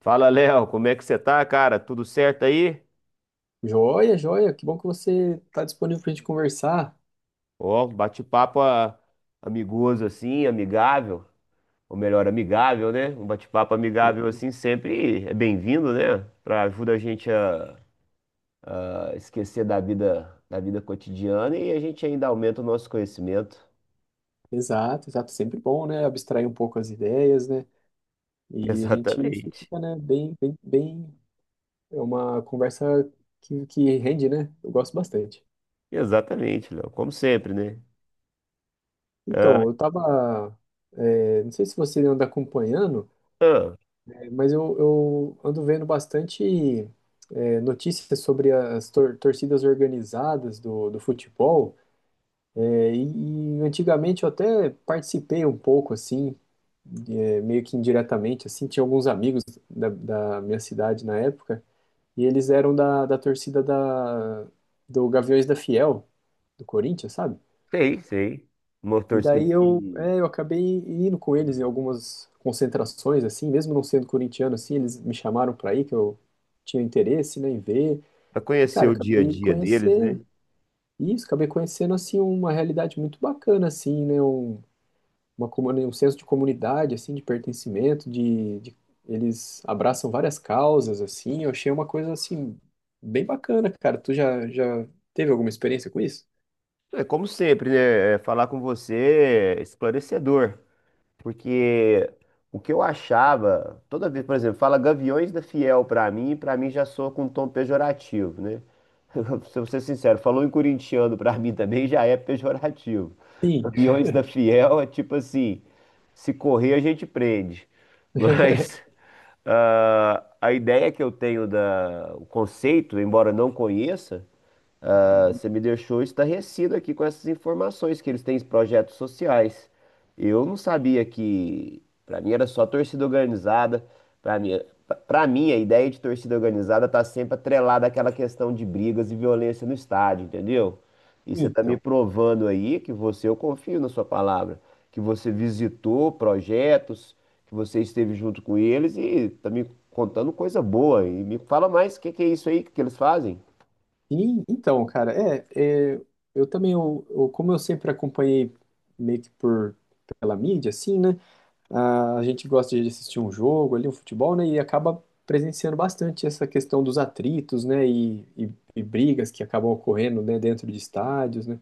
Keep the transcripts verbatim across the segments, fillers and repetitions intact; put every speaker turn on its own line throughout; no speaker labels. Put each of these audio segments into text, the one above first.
Fala, Léo, como é que você tá, cara? Tudo certo aí?
Joia, joia, que bom que você está disponível para a gente conversar.
Ó, um bate-papo ah, amigoso assim, amigável, ou melhor, amigável, né? Um bate-papo amigável
E-
assim sempre é bem-vindo, né? Pra ajuda a gente a, a esquecer da vida, da vida cotidiana e a gente ainda aumenta o nosso conhecimento.
Exato, exato, sempre bom, né? Abstrair um pouco as ideias, né? E a gente
Exatamente.
fica, né, bem, bem, bem, é uma conversa que, que rende, né? Eu gosto bastante.
Exatamente, Léo. Como sempre, né? Ah,
Então, eu tava, é, não sei se você anda acompanhando,
ah,
é, mas eu, eu ando vendo bastante, é, notícias sobre as tor- torcidas organizadas do, do futebol. É, e, e antigamente eu até participei um pouco, assim, é, meio que indiretamente, assim, tinha alguns amigos da, da minha cidade na época, e eles eram da, da torcida da, do Gaviões da Fiel, do Corinthians, sabe?
sei, sei. Uma
E
torcida
daí eu,
que
é, eu acabei indo com eles em algumas concentrações, assim, mesmo não sendo corintiano, assim, eles me chamaram pra ir, que eu tinha interesse, né, em ver,
para
e,
conhecer
cara,
o dia a
acabei
dia deles, né?
conhecendo, isso, acabei conhecendo, assim, uma realidade muito bacana, assim, né, um uma comuni- um senso de comunidade, assim, de pertencimento, de, de- eles abraçam várias causas, assim. Eu achei uma coisa assim bem bacana, cara. Tu já já teve alguma experiência com isso?
É como sempre, né? é, Falar com você é esclarecedor, porque o que eu achava, toda vez, por exemplo, fala Gaviões da Fiel pra mim, pra mim já soa com um tom pejorativo, né? Se eu ser sincero, falou em corintiano pra mim também já é pejorativo.
Sim.
Gaviões da Fiel é tipo assim, se correr a gente prende. Mas ah, a ideia que eu tenho da, o conceito, embora eu não conheça, ah, você me deixou estarrecido aqui com essas informações que eles têm projetos sociais. Eu não sabia que, para mim era só torcida organizada. Para mim, para mim a ideia de torcida organizada tá sempre atrelada àquela questão de brigas e violência no estádio, entendeu? E você tá me
Então,
provando aí que você, eu confio na sua palavra, que você visitou projetos, que você esteve junto com eles e tá me contando coisa boa. E me fala mais o que que é isso aí que eles fazem?
sim, então, cara, é, é, eu também, eu, eu- como eu sempre acompanhei meio que por pela mídia, assim, né? Ah, a gente gosta de assistir um jogo ali, um futebol, né? E acaba presenciando bastante essa questão dos atritos, né? E, e, e brigas que acabam ocorrendo, né? Dentro de estádios, né?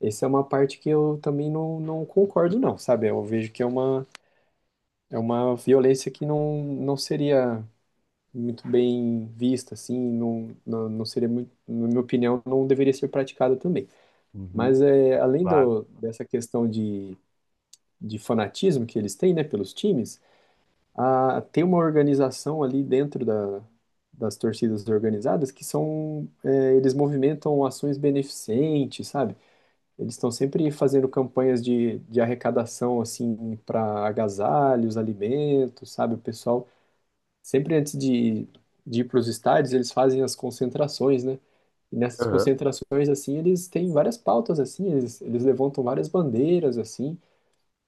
Essa é uma parte que eu também não, não concordo, não, sabe? Eu vejo que é uma, é uma violência que não, não seria muito bem vista, assim, não, não, não seria muito, na minha opinião, não deveria ser praticada também.
Uhum.
Mas é, além
Claro.
do, dessa questão de, de fanatismo que eles têm, né, pelos times, a- tem uma organização ali dentro da, das torcidas organizadas que são, é, eles movimentam ações beneficentes, sabe? Eles estão sempre fazendo campanhas de, de arrecadação, assim, para agasalhos, alimentos, sabe? O pessoal, sempre antes de, de ir para os estádios, eles fazem as concentrações, né? E nessas
Aham.
concentrações, assim, eles têm várias pautas, assim, eles, eles levantam várias bandeiras, assim.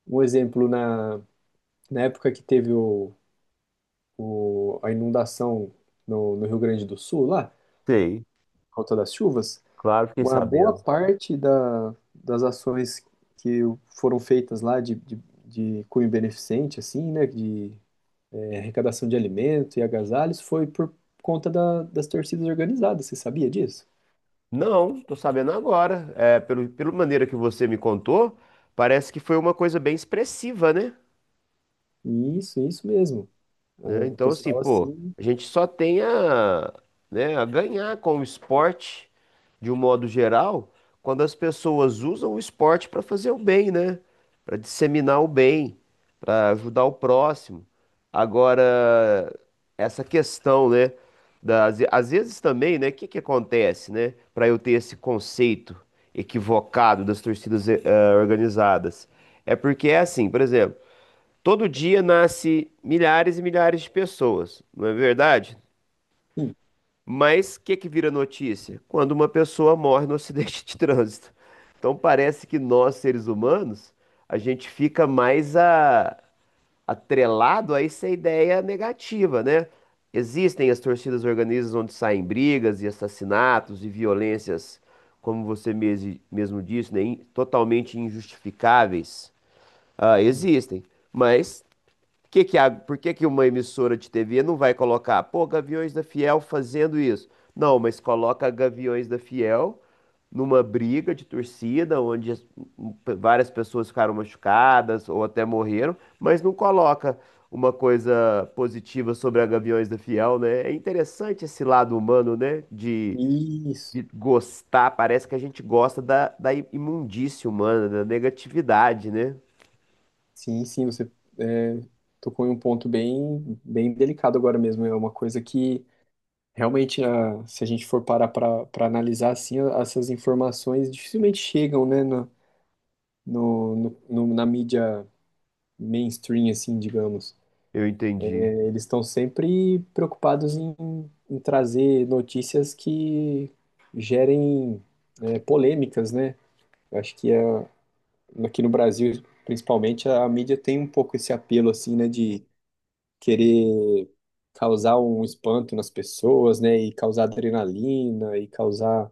Um exemplo, na, na época que teve o o, a inundação no, no Rio Grande do Sul, lá,
Sei,
por conta das chuvas,
claro, fiquei
uma boa
sabendo.
parte da, das ações que foram feitas lá de, de, de cunho beneficente, assim, né, de é, arrecadação de alimento e agasalhos, foi por conta da, das torcidas organizadas, você sabia disso?
Não, tô sabendo agora. É, pelo, pela maneira que você me contou, parece que foi uma coisa bem expressiva, né?
Isso, isso mesmo. Ah,
Né?
o
Então, assim,
pessoal,
pô,
assim,
a gente só tem a, né, a ganhar com o esporte, de um modo geral, quando as pessoas usam o esporte para fazer o bem, né? Para disseminar o bem, para ajudar o próximo. Agora, essa questão, né? Das, às vezes também, né? O que que acontece, né? Para eu ter esse conceito equivocado das torcidas eh, organizadas. É porque é assim, por exemplo. Todo dia nasce milhares e milhares de pessoas, não é verdade?
sim,
Mas o que que vira notícia? Quando uma pessoa morre no acidente de trânsito. Então parece que nós, seres humanos, a gente fica mais a- atrelado a essa ideia negativa, né? Existem as torcidas organizadas onde saem brigas e assassinatos e violências, como você mes- mesmo disse, né? in- Totalmente injustificáveis. Ah,
sim.
existem. Mas que que a- por que que uma emissora de T V não vai colocar, pô, Gaviões da Fiel fazendo isso? Não, mas coloca Gaviões da Fiel numa briga de torcida, onde as- p- várias pessoas ficaram machucadas ou até morreram, mas não coloca uma coisa positiva sobre a Gaviões da Fiel, né? É interessante esse lado humano, né? De, de
Isso,
gostar, parece que a gente gosta da, da imundície humana, da negatividade, né?
sim, sim, você é, tocou em um ponto bem, bem delicado agora mesmo, é uma coisa que realmente, a- se a gente for parar para analisar assim, a- essas informações dificilmente chegam, né, no, no, no- no- na mídia mainstream, assim, digamos.
Eu entendi.
Eles estão sempre preocupados em, em trazer notícias que gerem, é, polêmicas, né? Eu acho que a- aqui no Brasil, principalmente, a mídia tem um pouco esse apelo, assim, né, de querer causar um espanto nas pessoas, né, e causar adrenalina, e causar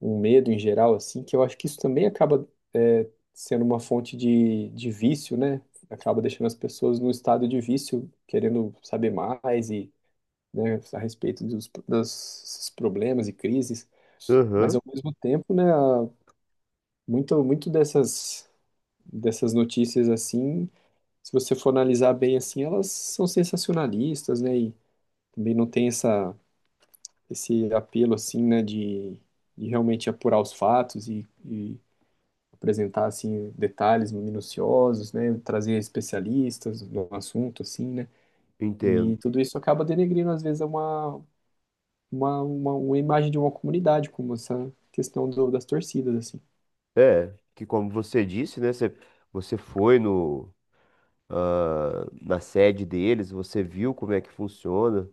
um medo em geral, assim, que eu acho que isso também acaba é, sendo uma fonte de, de vício, né? Acaba deixando as pessoas num estado de vício, querendo saber mais e, né, a respeito dos, dos problemas e crises. Mas
Aham,
ao mesmo tempo, né, a- muito, muito dessas, dessas notícias assim, se você for analisar bem assim, elas são sensacionalistas, né, e também não tem essa, esse apelo assim, né, de, de realmente apurar os fatos e, e apresentar assim detalhes minuciosos, né, trazer especialistas no assunto assim, né?
entendo.
E tudo isso acaba denegrindo às vezes uma uma, uma, uma imagem de uma comunidade como essa questão do, das torcidas assim.
É, que como você disse, né? Você, você foi no, ah, na sede deles, você viu como é que funciona,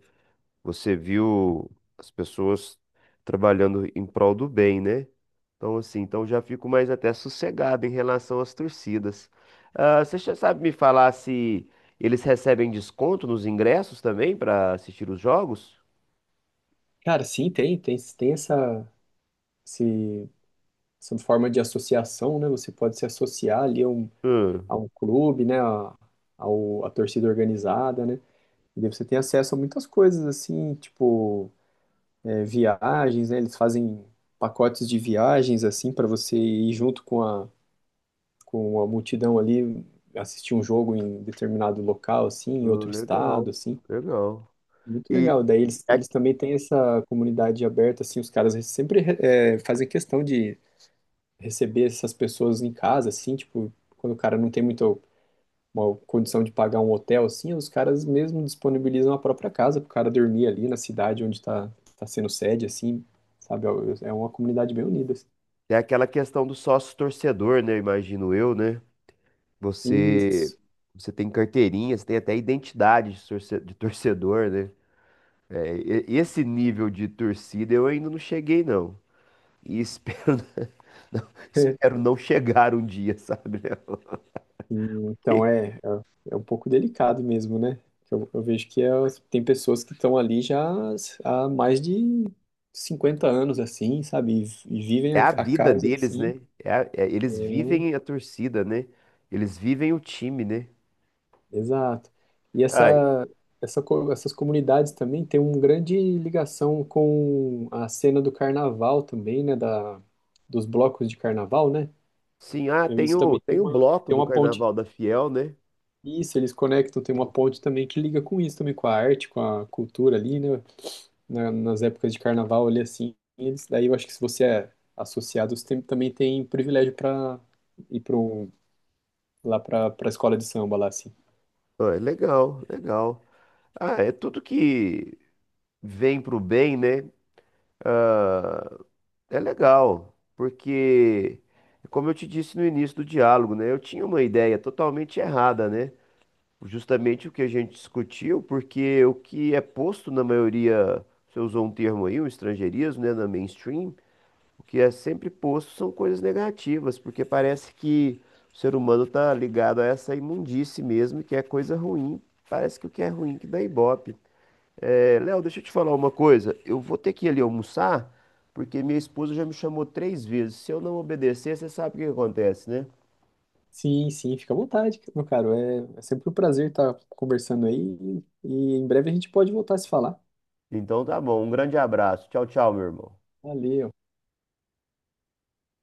você viu as pessoas trabalhando em prol do bem, né? Então, assim, então já fico mais até sossegado em relação às torcidas. Ah, você já sabe me falar se eles recebem desconto nos ingressos também para assistir os jogos?
Cara, sim, tem tem tem essa esse, essa forma de associação, né? Você pode se associar ali a um,
Hum.
a um clube, né, a, ao, a torcida organizada, né? E daí você tem acesso a muitas coisas assim, tipo é, viagens, né? Eles fazem pacotes de viagens assim para você ir junto com a com a multidão ali assistir um jogo em determinado local, assim, em
Ah,
outro estado,
legal,
assim.
legal.
Muito
E
legal. Daí eles, eles também têm essa comunidade aberta, assim, os caras sempre é, fazem questão de receber essas pessoas em casa, assim, tipo, quando o cara não tem muita uma condição de pagar um hotel, assim, os caras mesmo disponibilizam a própria casa pro cara dormir ali na cidade onde tá, tá sendo sede, assim, sabe? É é uma comunidade bem unida, assim.
tem aquela questão do sócio torcedor, né? Imagino eu, né? Você,
Isso.
você tem carteirinha, você tem até identidade de torce- de torcedor, né? É, e- esse nível de torcida eu ainda não cheguei, não. E espero, não, espero não chegar um dia, sabe? Léo?
Então
Porque
é, é, é um pouco delicado mesmo, né? Eu, eu vejo que é- tem pessoas que estão ali já há mais de cinquenta anos, assim, sabe? E, e vivem
é
a,
a
a
vida
causa
deles,
assim.
né? É a- é-
É,
eles vivem a torcida, né? Eles vivem o time, né?
exato. E
Ai,
essa, essa, co- essas comunidades também têm uma grande ligação com a cena do carnaval também, né? Da, dos blocos de carnaval, né?
sim, ah,
Eu-
tem
Isso
o,
também tem
tem o
uma,
bloco
tem
do
uma ponte.
Carnaval da Fiel, né?
Isso, eles conectam, tem uma ponte também que liga com isso também, com a arte, com a cultura ali, né? na- nas épocas de carnaval ali, assim, eles, daí eu acho que se você é associado, você tem- também tem privilégio para ir para um, lá para a escola de samba lá, assim.
Ah, legal, legal. Ah, é tudo que vem pro bem, né? É legal, porque, como eu te disse no início do diálogo, né? Eu tinha uma ideia totalmente errada, né? Justamente o que a gente discutiu, porque o que é posto na maioria, você usou um termo aí, um estrangeirismo, né? Na mainstream, o que é sempre posto são coisas negativas, porque parece que o ser humano tá ligado a essa imundície mesmo, que é coisa ruim. Parece que o que é ruim que dá ibope. É, Léo, deixa eu te falar uma coisa. Eu vou ter que ir ali almoçar, porque minha esposa já me chamou três vezes. Se eu não obedecer, você sabe o que acontece, né?
Sim, sim, fica à vontade, meu caro. É, é sempre um prazer estar conversando aí e em breve a gente pode voltar a se falar.
Então tá bom. Um grande abraço. Tchau, tchau, meu irmão.
Valeu.